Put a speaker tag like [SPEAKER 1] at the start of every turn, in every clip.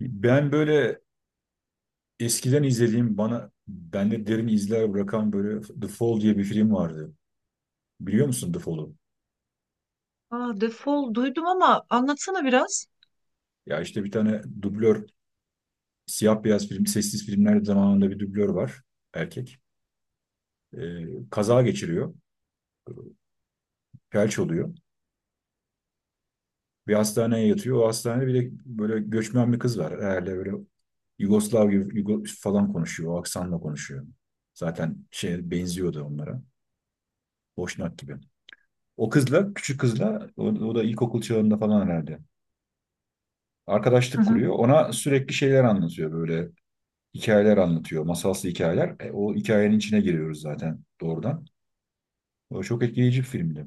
[SPEAKER 1] Ben böyle eskiden izlediğim bana bende derin izler bırakan böyle The Fall diye bir film vardı. Biliyor musun The Fall'u?
[SPEAKER 2] Aa, defol duydum ama anlatsana biraz.
[SPEAKER 1] Ya işte bir tane dublör, siyah beyaz film, sessiz filmler zamanında bir dublör var, erkek. Kaza geçiriyor. Felç oluyor. Bir hastaneye yatıyor. O hastanede bir de böyle göçmen bir kız var. Herhalde böyle Yugoslav gibi Yugo falan konuşuyor. O aksanla konuşuyor. Zaten şey benziyordu onlara. Boşnak gibi. O kızla, küçük kızla, o da ilkokul çağında falan herhalde
[SPEAKER 2] Hı
[SPEAKER 1] arkadaşlık
[SPEAKER 2] hı.
[SPEAKER 1] kuruyor. Ona sürekli şeyler anlatıyor, böyle hikayeler anlatıyor. Masalsı hikayeler. E, o hikayenin içine giriyoruz zaten doğrudan. O çok etkileyici bir filmdi.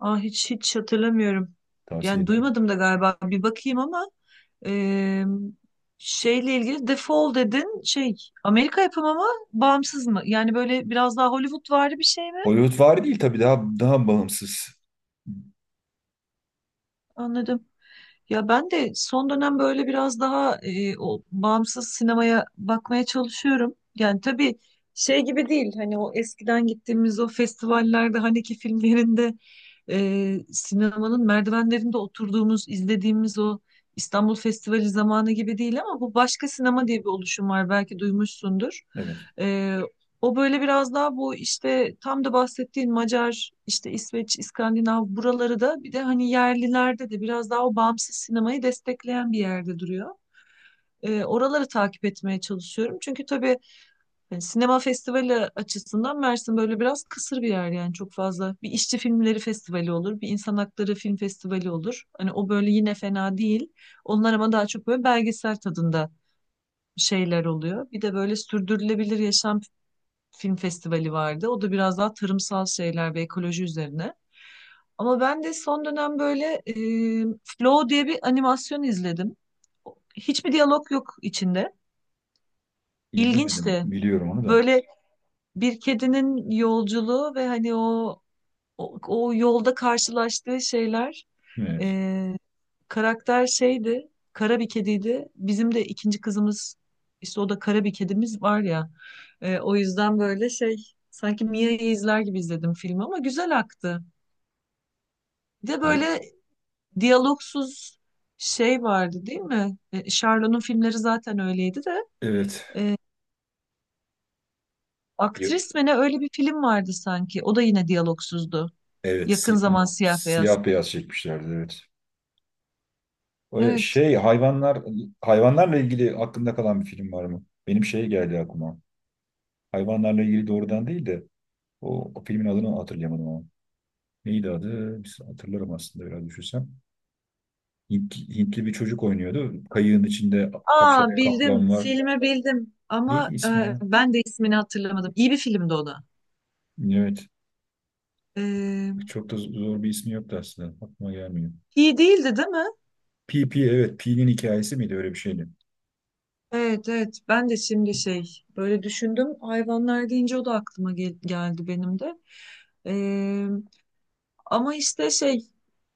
[SPEAKER 2] Aa, hiç hatırlamıyorum.
[SPEAKER 1] Tavsiye
[SPEAKER 2] Yani
[SPEAKER 1] ederim.
[SPEAKER 2] duymadım da galiba bir bakayım ama eee, şeyle ilgili defol dedin, şey, Amerika yapımı mı, bağımsız mı? Yani böyle biraz daha Hollywood vardı, bir şey mi?
[SPEAKER 1] Hollywoodvari değil tabii, daha bağımsız.
[SPEAKER 2] Anladım. Ya ben de son dönem böyle biraz daha o bağımsız sinemaya bakmaya çalışıyorum. Yani tabii şey gibi değil, hani o eskiden gittiğimiz o festivallerde, Haneke filmlerinde, sinemanın merdivenlerinde oturduğumuz, izlediğimiz o İstanbul Festivali zamanı gibi değil, ama bu Başka Sinema diye bir oluşum var, belki duymuşsundur.
[SPEAKER 1] Evet.
[SPEAKER 2] E, o böyle biraz daha bu işte tam da bahsettiğin Macar, işte İsveç, İskandinav buraları da, bir de hani yerlilerde de biraz daha o bağımsız sinemayı destekleyen bir yerde duruyor. Oraları takip etmeye çalışıyorum. Çünkü tabii yani sinema festivali açısından Mersin böyle biraz kısır bir yer, yani çok fazla. Bir işçi filmleri festivali olur, bir insan hakları film festivali olur. Hani o böyle yine fena değil. Onlar ama daha çok böyle belgesel tadında şeyler oluyor. Bir de böyle sürdürülebilir yaşam film festivali vardı. O da biraz daha tarımsal şeyler ve ekoloji üzerine. Ama ben de son dönem böyle Flow diye bir animasyon izledim. Hiçbir diyalog yok içinde.
[SPEAKER 1] İzlemedim.
[SPEAKER 2] İlginçti.
[SPEAKER 1] Biliyorum onu da.
[SPEAKER 2] Böyle bir kedinin yolculuğu ve hani o, o yolda karşılaştığı şeyler,
[SPEAKER 1] Evet.
[SPEAKER 2] e, karakter şeydi, kara bir kediydi. Bizim de ikinci kızımız, işte o da kara bir kedimiz var ya. O yüzden böyle şey, sanki Mia'yı izler gibi izledim filmi ama güzel aktı. Bir de
[SPEAKER 1] Ay,
[SPEAKER 2] böyle diyalogsuz şey vardı değil mi? Sharlo'nun filmleri zaten öyleydi de.
[SPEAKER 1] evet. Yo-
[SPEAKER 2] Aktris mi ne, öyle bir film vardı sanki. O da yine diyalogsuzdu.
[SPEAKER 1] Evet.
[SPEAKER 2] Yakın
[SPEAKER 1] si- onu
[SPEAKER 2] zaman siyah beyaz.
[SPEAKER 1] siyah beyaz çekmişlerdi. Evet. O e,
[SPEAKER 2] Evet.
[SPEAKER 1] şey hayvanlar, hayvanlarla ilgili aklında kalan bir film var mı? Benim şey geldi aklıma. Hayvanlarla ilgili doğrudan değil de o filmin adını hatırlayamadım ama neydi adı? Biz hatırlarım aslında biraz düşünsem. Hintli bir çocuk oynuyordu. Kayığın içinde
[SPEAKER 2] Aa, bildim.
[SPEAKER 1] kaplan var.
[SPEAKER 2] Filmi bildim. Ama
[SPEAKER 1] Neydi ismi ya?
[SPEAKER 2] ben de ismini hatırlamadım. İyi bir filmdi o da.
[SPEAKER 1] Evet.
[SPEAKER 2] Ee,
[SPEAKER 1] Çok da zor bir ismi yoktu aslında. Aklıma gelmiyor.
[SPEAKER 2] iyi değildi değil mi?
[SPEAKER 1] P, evet. P'nin hikayesi miydi? Öyle bir şeydi.
[SPEAKER 2] Evet, evet. Ben de şimdi şey böyle düşündüm. Hayvanlar deyince o da aklıma geldi benim de. Ee, ama işte şey,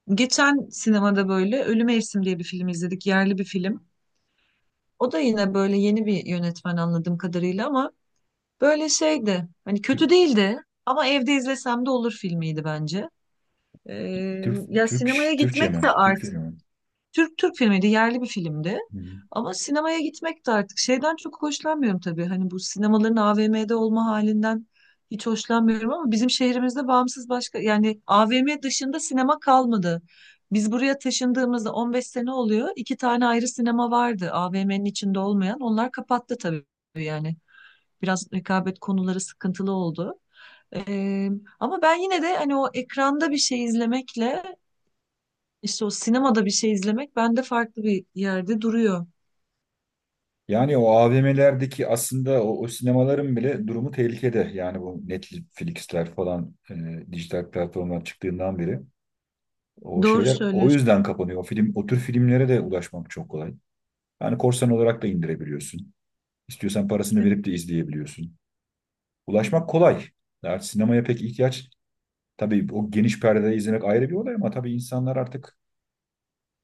[SPEAKER 2] geçen sinemada böyle Ölü Mevsim diye bir film izledik. Yerli bir film. O da yine böyle yeni bir yönetmen anladığım kadarıyla ama böyle şeydi. Hani
[SPEAKER 1] Türk,
[SPEAKER 2] kötü değildi ama evde izlesem de olur filmiydi bence. Ee,
[SPEAKER 1] Türk,
[SPEAKER 2] ya
[SPEAKER 1] Türk,
[SPEAKER 2] sinemaya
[SPEAKER 1] Türkçe
[SPEAKER 2] gitmek
[SPEAKER 1] mi?
[SPEAKER 2] de
[SPEAKER 1] Türkçe
[SPEAKER 2] artık,
[SPEAKER 1] mi?
[SPEAKER 2] Türk Türk filmiydi, yerli bir filmdi.
[SPEAKER 1] Hı hı.
[SPEAKER 2] Ama sinemaya gitmek de artık, şeyden çok hoşlanmıyorum tabii. Hani bu sinemaların AVM'de olma halinden hiç hoşlanmıyorum, ama bizim şehrimizde bağımsız, başka yani AVM dışında sinema kalmadı. Biz buraya taşındığımızda 15 sene oluyor. İki tane ayrı sinema vardı AVM'nin içinde olmayan. Onlar kapattı tabii yani. Biraz rekabet konuları sıkıntılı oldu. Ee, ama ben yine de hani o ekranda bir şey izlemekle işte o sinemada bir şey izlemek bende farklı bir yerde duruyor.
[SPEAKER 1] Yani o AVM'lerdeki aslında o sinemaların bile durumu tehlikede. Yani bu Netflix'ler falan, dijital platformlar çıktığından beri. O
[SPEAKER 2] Doğru
[SPEAKER 1] şeyler o
[SPEAKER 2] söylüyorsun.
[SPEAKER 1] yüzden kapanıyor. O film, o tür filmlere de ulaşmak çok kolay. Yani korsan olarak da indirebiliyorsun. İstiyorsan parasını verip de izleyebiliyorsun. Ulaşmak kolay. Artık sinemaya pek ihtiyaç, tabii o geniş perdede izlemek ayrı bir olay, ama tabii insanlar artık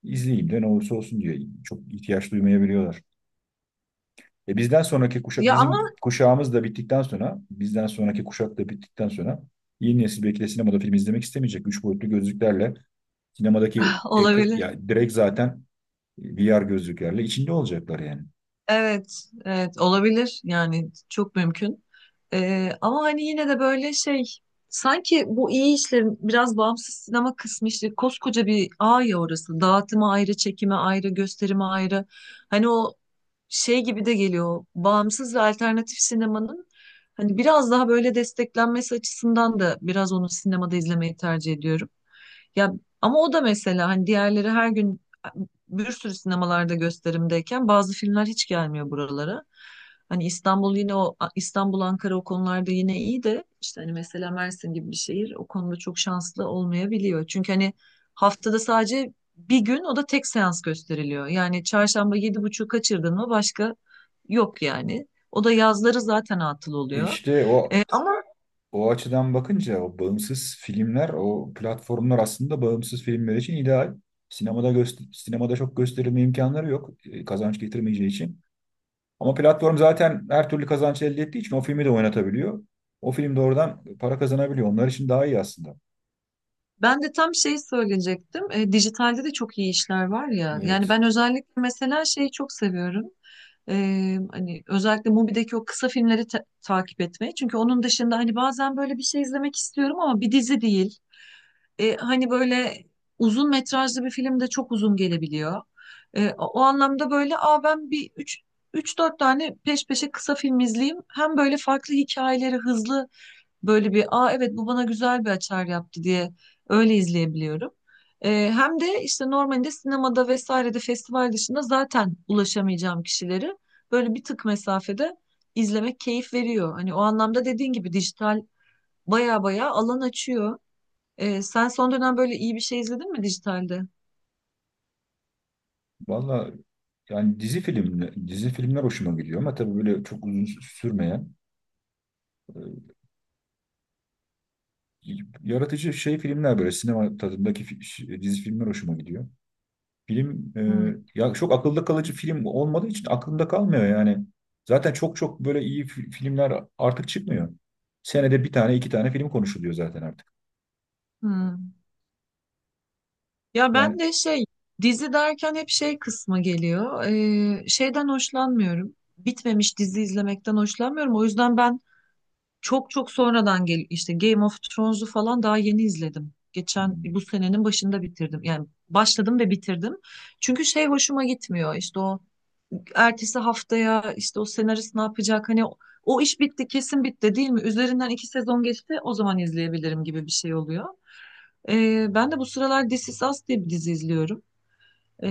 [SPEAKER 1] izleyeyim de ne olursa olsun diye çok ihtiyaç duymayabiliyorlar. E, bizden sonraki kuşa,
[SPEAKER 2] Ya ama
[SPEAKER 1] bizim kuşağımız da bittikten sonra, bizden sonraki kuşak da bittikten sonra yeni nesil belki de sinemada film izlemek istemeyecek. Üç boyutlu gözlüklerle sinemadaki ekra-
[SPEAKER 2] olabilir.
[SPEAKER 1] ya direkt zaten VR gözlüklerle içinde olacaklar yani.
[SPEAKER 2] Evet, evet olabilir yani, çok mümkün. Ama hani yine de böyle şey, sanki bu iyi işlerin biraz bağımsız sinema kısmı işte koskoca bir ağ ya orası. Dağıtımı ayrı, çekimi ayrı, gösterimi ayrı. Hani o şey gibi de geliyor. Bağımsız ve alternatif sinemanın hani biraz daha böyle desteklenmesi açısından da biraz onu sinemada izlemeyi tercih ediyorum. Ya, ama o da mesela hani diğerleri her gün bir sürü sinemalarda gösterimdeyken bazı filmler hiç gelmiyor buralara. Hani İstanbul, yine o İstanbul Ankara o konularda yine iyi de, işte hani mesela Mersin gibi bir şehir o konuda çok şanslı olmayabiliyor. Çünkü hani haftada sadece bir gün, o da tek seans gösteriliyor. Yani çarşamba 7.30'u kaçırdın mı, başka yok yani. O da yazları zaten atıl oluyor.
[SPEAKER 1] İşte o açıdan bakınca o bağımsız filmler, o platformlar aslında bağımsız filmler için ideal. Sinemada göster, sinemada çok gösterilme imkanları yok, kazanç getirmeyeceği için. Ama platform zaten her türlü kazanç elde ettiği için o filmi de oynatabiliyor. O film de oradan para kazanabiliyor. Onlar için daha iyi aslında.
[SPEAKER 2] Ben de tam şey söyleyecektim. Dijitalde de çok iyi işler var ya. Yani
[SPEAKER 1] Evet.
[SPEAKER 2] ben özellikle mesela şeyi çok seviyorum. E, hani özellikle Mubi'deki o kısa filmleri takip etmeyi. Çünkü onun dışında hani bazen böyle bir şey izlemek istiyorum ama bir dizi değil. Hani böyle uzun metrajlı bir film de çok uzun gelebiliyor. O anlamda böyle, aa, ben bir üç dört tane peş peşe kısa film izleyeyim. Hem böyle farklı hikayeleri hızlı. Böyle bir, aa, evet, bu bana güzel bir açar yaptı diye öyle izleyebiliyorum. Hem de işte normalde sinemada vesairede festival dışında zaten ulaşamayacağım kişileri böyle bir tık mesafede izlemek keyif veriyor. Hani o anlamda dediğin gibi dijital baya baya alan açıyor. Sen son dönem böyle iyi bir şey izledin mi dijitalde?
[SPEAKER 1] Valla yani dizi filmler hoşuma gidiyor ama tabii böyle çok uzun sürmeyen. e, Yaratıcı şey filmler, böyle sinema tadındaki dizi filmler hoşuma gidiyor. Film e,
[SPEAKER 2] Hmm.
[SPEAKER 1] ya çok akılda kalıcı film olmadığı için aklımda kalmıyor yani. Zaten çok böyle iyi filmler artık çıkmıyor. Senede bir tane iki tane film konuşuluyor zaten artık.
[SPEAKER 2] Hmm. Ya ben
[SPEAKER 1] Yani.
[SPEAKER 2] de şey, dizi derken hep şey kısmı geliyor. Şeyden hoşlanmıyorum. Bitmemiş dizi izlemekten hoşlanmıyorum. O yüzden ben çok, çok sonradan, gel işte Game of Thrones'u falan daha yeni izledim. Geçen bu senenin başında bitirdim. Yani başladım ve bitirdim. Çünkü şey hoşuma gitmiyor. İşte o ertesi haftaya işte o senarist ne yapacak? Hani o, o iş bitti, kesin bitti değil mi? Üzerinden iki sezon geçti, o zaman izleyebilirim gibi bir şey oluyor. Ben de bu sıralar This Is Us diye bir dizi izliyorum. Eee,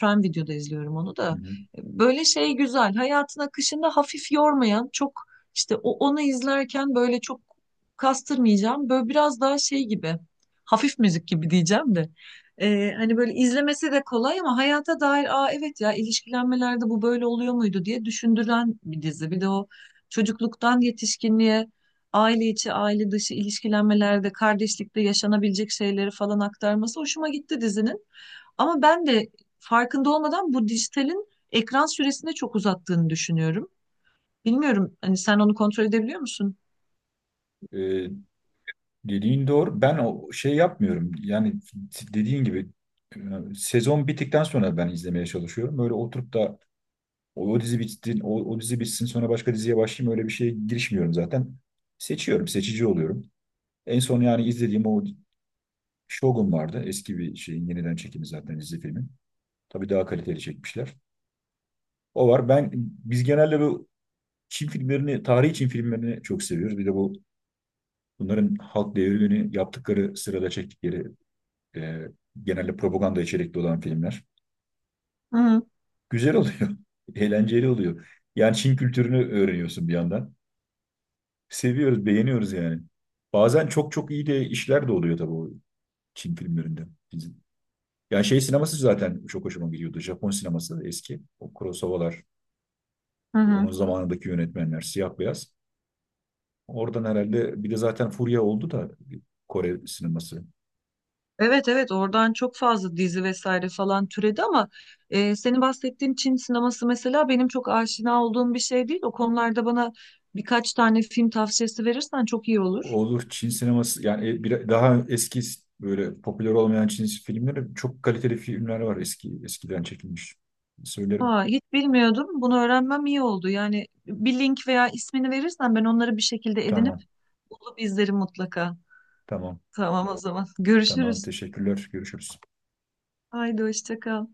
[SPEAKER 2] Prime Video'da izliyorum onu
[SPEAKER 1] Hı
[SPEAKER 2] da.
[SPEAKER 1] hı.
[SPEAKER 2] Böyle şey güzel. Hayatın akışında hafif yormayan, çok, işte o onu izlerken böyle çok kastırmayacağım. Böyle biraz daha şey gibi. Hafif müzik gibi diyeceğim de. Hani böyle izlemesi de kolay ama hayata dair, aa, evet ya, ilişkilenmelerde bu böyle oluyor muydu diye düşündüren bir dizi. Bir de o çocukluktan yetişkinliğe aile içi, aile dışı ilişkilenmelerde, kardeşlikte yaşanabilecek şeyleri falan aktarması hoşuma gitti dizinin. Ama ben de farkında olmadan bu dijitalin ekran süresini çok uzattığını düşünüyorum. Bilmiyorum, hani sen onu kontrol edebiliyor musun?
[SPEAKER 1] E, dediğin doğru. Ben o şey yapmıyorum. Yani dediğin gibi, e, sezon bittikten sonra ben izlemeye çalışıyorum. Böyle oturup da O dizi bitsin, o dizi bitsin, sonra başka diziye başlayayım, öyle bir şeye girişmiyorum zaten. Seçiyorum, seçici oluyorum. En son yani izlediğim o Shogun vardı. Eski bir şeyin yeniden çekimi zaten dizi filmin. Tabii daha kaliteli çekmişler. O var. Biz genelde bu Çin filmlerini, tarihi Çin filmlerini çok seviyoruz. Bir de bunların halk devrimini yaptıkları sırada çektikleri, e, genelde propaganda içerikli olan filmler.
[SPEAKER 2] Hı hı.
[SPEAKER 1] Güzel oluyor. Eğlenceli oluyor. Yani Çin kültürünü öğreniyorsun bir yandan. Seviyoruz, beğeniyoruz yani. Bazen çok iyi de işler de oluyor tabii o Çin filmlerinde. Bizim. Yani şey sineması zaten çok hoşuma gidiyordu. Japon sineması eski. O Kurosawa'lar,
[SPEAKER 2] Hı hı.
[SPEAKER 1] onun zamanındaki yönetmenler, siyah beyaz. Oradan herhalde bir de zaten furya oldu da Kore sineması.
[SPEAKER 2] Evet, evet, oradan çok fazla dizi vesaire falan türedi ama senin bahsettiğin Çin sineması mesela benim çok aşina olduğum bir şey değil. O konularda bana birkaç tane film tavsiyesi verirsen çok iyi olur.
[SPEAKER 1] Olur, Çin sineması yani, daha eski böyle popüler olmayan Çin filmleri, çok kaliteli filmler var eski, eskiden çekilmiş. Söylerim.
[SPEAKER 2] Ha, hiç bilmiyordum. Bunu öğrenmem iyi oldu. Yani bir link veya ismini verirsen ben onları bir şekilde edinip
[SPEAKER 1] Tamam,
[SPEAKER 2] bulup izlerim mutlaka.
[SPEAKER 1] tamam,
[SPEAKER 2] Tamam o zaman.
[SPEAKER 1] tamam.
[SPEAKER 2] Görüşürüz.
[SPEAKER 1] Teşekkürler. Görüşürüz.
[SPEAKER 2] Haydi hoşça kal.